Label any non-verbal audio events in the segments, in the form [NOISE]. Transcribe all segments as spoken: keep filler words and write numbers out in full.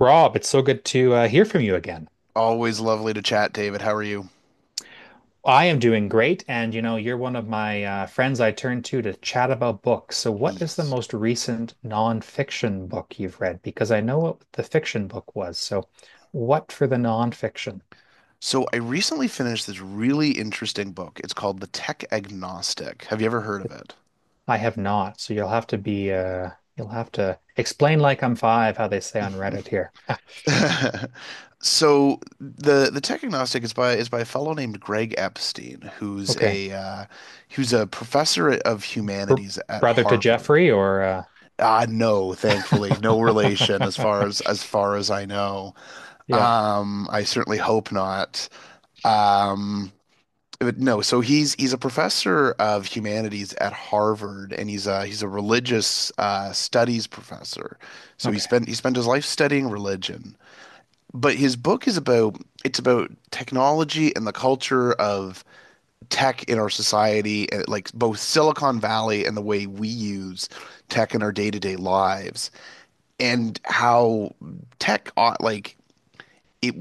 Rob, it's so good to uh, hear from you again. Always lovely to chat, David. How are you? I am doing great, and you know, you're one of my uh, friends I turn to to chat about books. So, what is the Yes. most recent nonfiction book you've read? Because I know what the fiction book was. So, what for the nonfiction? So, I recently finished this really interesting book. It's called The Tech Agnostic. Have you ever heard of I have not. So, you'll have to be, uh, you'll have to explain like I'm five, how they say on Reddit here. it? [LAUGHS] So, the the Tech Agnostic is by is by a fellow named Greg Epstein, who's Okay. a uh, who's a professor of Br humanities at Brother to Harvard. Jeffrey, or, uh... Uh, no, thankfully, no relation as far [LAUGHS] as as far as I know. yeah. Um, I certainly hope not. Um, But no, so he's he's a professor of humanities at Harvard, and he's a he's a religious uh, studies professor. So he Okay. spent he spent his life studying religion. But his book is about it's about technology and the culture of tech in our society, and, like both Silicon Valley and the way we use tech in our day-to-day lives, and how tech ought like it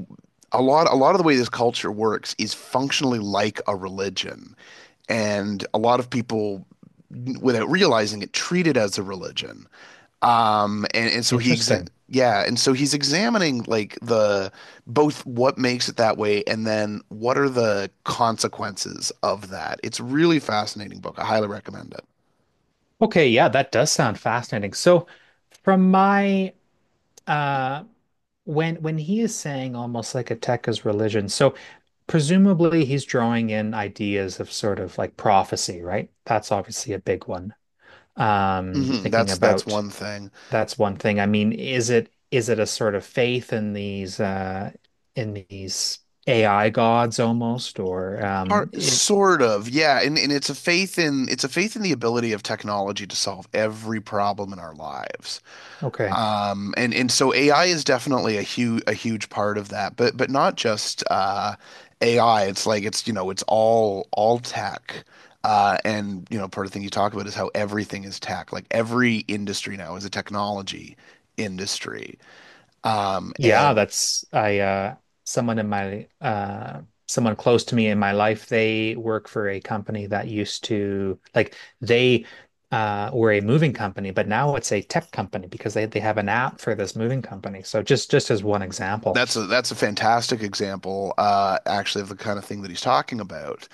a lot a lot of the way this culture works is functionally like a religion. And a lot of people, without realizing it, treat it as a religion. Um, and, and so he exa Interesting. yeah, and so he's examining like the both what makes it that way and then what are the consequences of that. It's really fascinating book. I highly recommend it. Okay, yeah, that does sound fascinating. So from my uh when when he is saying almost like a tech is religion, so presumably he's drawing in ideas of sort of like prophecy, right? That's obviously a big one. Um hmm thinking that's that's about one thing. that's one thing. I mean, is it is it a sort of faith in these uh in these A I gods almost or um Part, it sort of, yeah, and and it's a faith in it's a faith in the ability of technology to solve every problem in our lives. okay. Um, and and so A I is definitely a huge a huge part of that, but but not just uh, A I. It's like it's you know it's all all tech. Uh, and you know part of the thing you talk about is how everything is tech. Like every industry now is a technology industry. Um, Yeah, And that's I uh someone in my uh someone close to me in my life, they work for a company that used to like they uh were a moving company, but now it's a tech company because they they have an app for this moving company. So just just as one example. that's a that's a fantastic example, uh, actually, of the kind of thing that he's talking about.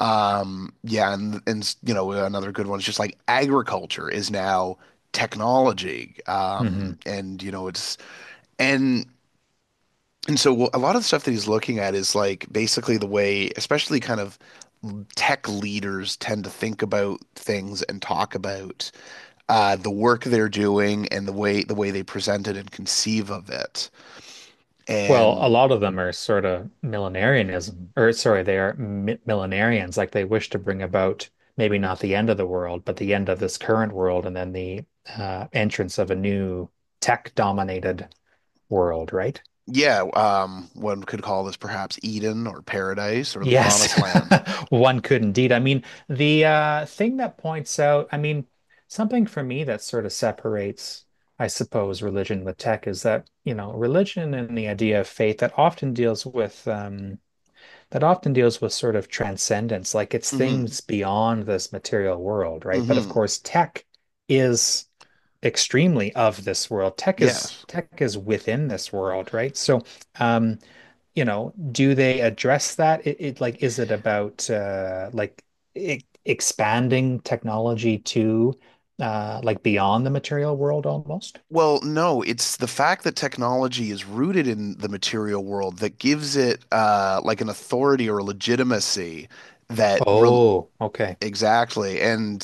Um, yeah, and and you know, another good one is just like agriculture is now technology. Um, hmm. And you know, it's and and so a lot of the stuff that he's looking at is like basically the way, especially kind of tech leaders tend to think about things and talk about uh, the work they're doing and the way the way they present it and conceive of it. Well, a And lot of them are sort of millenarianism, or sorry, they are mi millenarians, like they wish to bring about maybe not the end of the world, but the end of this current world and then the uh entrance of a new tech dominated world, right? yeah, um, one could call this perhaps Eden or paradise or the Yes, promised land. [LAUGHS] one could indeed. I mean, the uh, thing that points out, I mean, something for me that sort of separates, I suppose, religion with tech is that, you know, religion and the idea of faith that often deals with um, that often deals with sort of transcendence, like it's hmm things beyond this material world, right? But of hmm course, tech is extremely of this world. Tech is Yes. tech is within this world, right? So, um, you know, do they address that? It, it like is it about uh, like e- expanding technology to uh, like beyond the material world almost? Well, no, it's the fact that technology is rooted in the material world that gives it uh, like an authority or a legitimacy that re Oh, okay. Exactly. And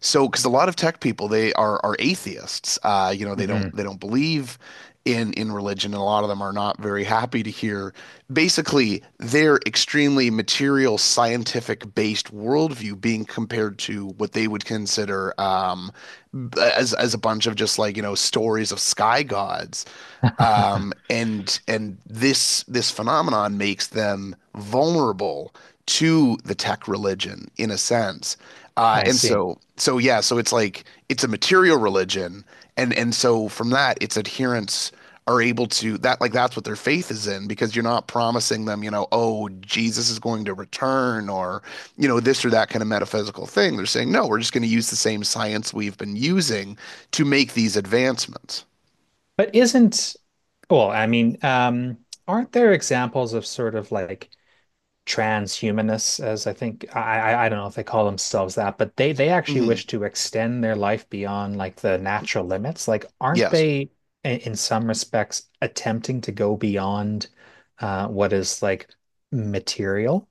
so, because a lot of tech people, they are are atheists. Uh, you know, they Hmm. don't they don't believe in in religion, and a lot of them are not very happy to hear basically their extremely material, scientific based worldview being compared to what they would consider um, as as a bunch of just like, you know, stories of sky gods. [LAUGHS] Um, and and this this phenomenon makes them vulnerable to the tech religion in a sense. Uh, I and see. so so yeah, so it's like it's a material religion, and and so from that, its adherents are able to that like that's what their faith is in because you're not promising them, you know, oh, Jesus is going to return or you know this or that kind of metaphysical thing. They're saying, no, we're just going to use the same science we've been using to make these advancements. But isn't, well, I mean, um, aren't there examples of sort of like transhumanists, as I think I, I I don't know if they call themselves that, but they they actually hmm wish to extend their life beyond like the natural limits. Like, aren't Yes. they i- in some respects attempting to go beyond uh, what is like material?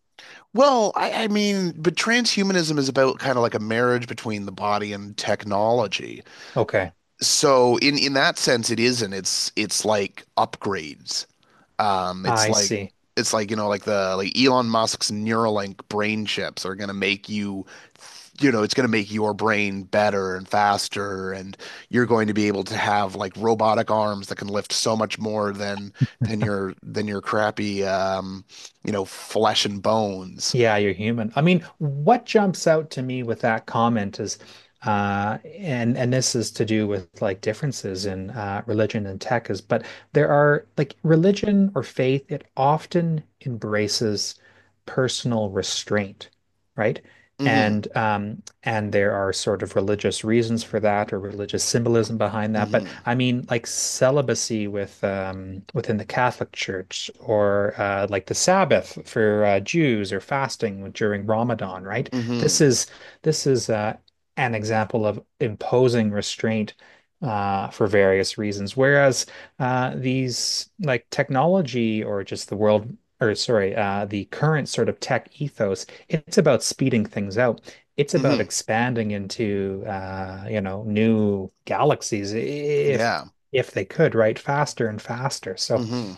Well, I, I mean, but transhumanism is about kind of like a marriage between the body and technology. Okay, So in in that sense, it isn't. It's it's like upgrades. Um, it's I like see. it's like you know, like the like Elon Musk's Neuralink brain chips are gonna make you, you know, it's gonna make your brain better and faster, and you're going to be able to have like robotic arms that can lift so much more than than your than your crappy um, you know, flesh and bones. Yeah, you're human. I mean, what jumps out to me with that comment is, uh, and and this is to do with like differences in uh, religion and tech is, but there are like religion or faith, it often embraces personal restraint, right? hmm And um, and there are sort of religious reasons for that or religious symbolism behind that. But Mm-hmm. I mean, like celibacy with um, within the Catholic Church, or uh, like the Sabbath for uh, Jews, or fasting during Ramadan, right? This Mm-hmm. is this is uh, an example of imposing restraint uh, for various reasons. Whereas uh, these like technology or just the world, or sorry, uh, the current sort of tech ethos, it's about speeding things out, it's about Mm-hmm. expanding into uh, you know, new galaxies if Yeah. if they could, right? Faster and faster. So Mm-hmm.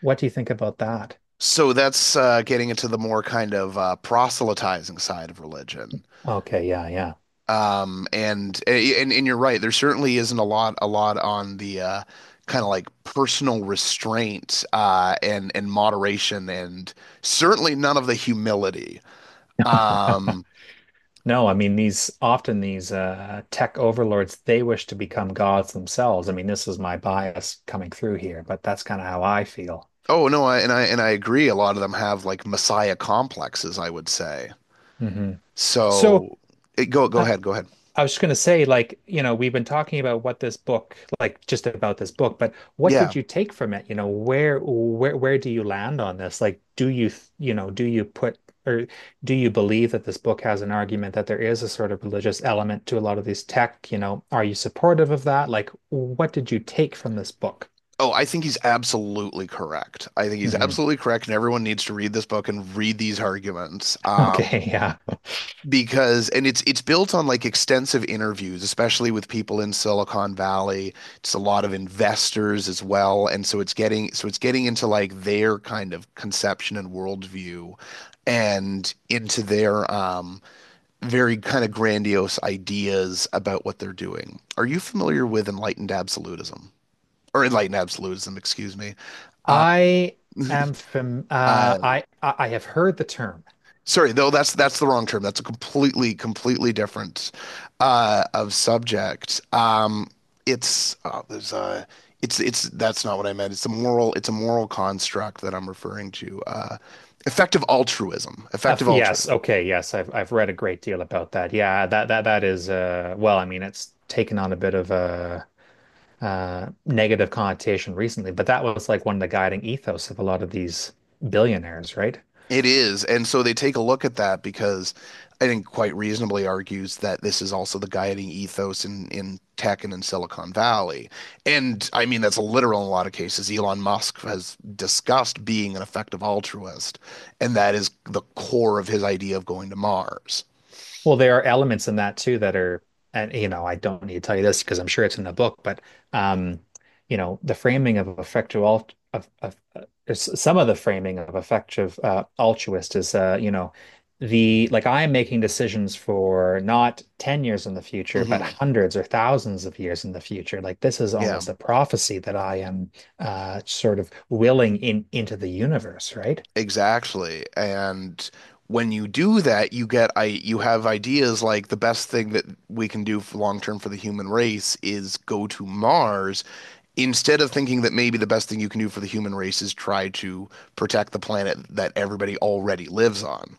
what do you think about that? So that's uh, getting into the more kind of uh, proselytizing side of religion. Okay, yeah, yeah. Um, and, and and you're right. There certainly isn't a lot a lot on the uh, kind of like personal restraint uh, and and moderation, and certainly none of the humility. No. [LAUGHS] Um, No, I mean these often these uh, tech overlords, they wish to become gods themselves. I mean, this is my bias coming through here, but that's kind of how I feel. oh no, I, and I and I agree. A lot of them have like messiah complexes, I would say. Hmm. So, So it, go go uh, ahead, go ahead. I was just going to say, like, you know, we've been talking about what this book, like, just about this book, but what Yeah. did you take from it? You know, where, where, where do you land on this? Like, do you, you know, do you put, or do you believe that this book has an argument that there is a sort of religious element to a lot of these tech? You know, are you supportive of that? Like, what did you take from this book? Oh, I think he's absolutely correct. I think he's Mm-hmm. [LAUGHS] absolutely correct, and everyone needs to read this book and read these arguments. Um, Okay, yeah, Because and it's it's built on like extensive interviews, especially with people in Silicon Valley. It's a lot of investors as well, and so it's getting so it's getting into like their kind of conception and worldview, and into their um, very kind of grandiose ideas about what they're doing. Are you familiar with enlightened absolutism or enlightened absolutism? Excuse me. I am from. Uh, Uh, I I have heard the term Sorry, though that's that's the wrong term. That's a completely completely different uh, of subject. Um, it's uh, there's a it's it's that's not what I meant. It's a moral it's a moral construct that I'm referring to. Uh, Effective altruism. Uh, Effective f- altruism. yes, okay, yes, I've I've read a great deal about that. Yeah, that that that is uh well, I mean, it's taken on a bit of a uh negative connotation recently, but that was like one of the guiding ethos of a lot of these billionaires, right? It is. And so they take a look at that because I think quite reasonably argues that this is also the guiding ethos in, in tech and in Silicon Valley. And I mean, that's literal in a lot of cases. Elon Musk has discussed being an effective altruist, and that is the core of his idea of going to Mars. Well, there are elements in that too that are, and you know, I don't need to tell you this because I'm sure it's in the book, but um, you know, the framing of effective alt of, of uh, s- some of the framing of effective uh, altruist is, uh, you know, the like I am making decisions for not ten years in the future, but hmm hundreds or thousands of years in the future. Like this is Yeah, almost a prophecy that I am uh, sort of willing in into the universe, right? exactly. And when you do that, you get I you have ideas like the best thing that we can do long term for the human race is go to Mars instead of thinking that maybe the best thing you can do for the human race is try to protect the planet that everybody already lives on.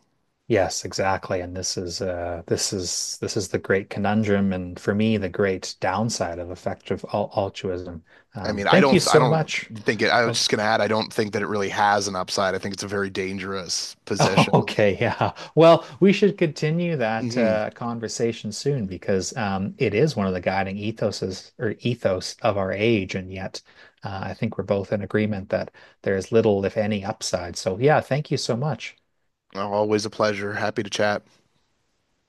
Yes, exactly. And this is uh this is this is the great conundrum and for me the great downside of effective al altruism. I Um, mean, I thank you don't, I so don't much think it. I uh, was just gonna add, I don't think that it really has an upside. I think it's a very dangerous [LAUGHS] Oh, position. okay, yeah. Well, we should continue that hmm uh, conversation soon because um, it is one of the guiding ethoses or ethos of our age, and yet uh, I think we're both in agreement that there is little, if any, upside. So, yeah, thank you so much. Always a pleasure. Happy to chat.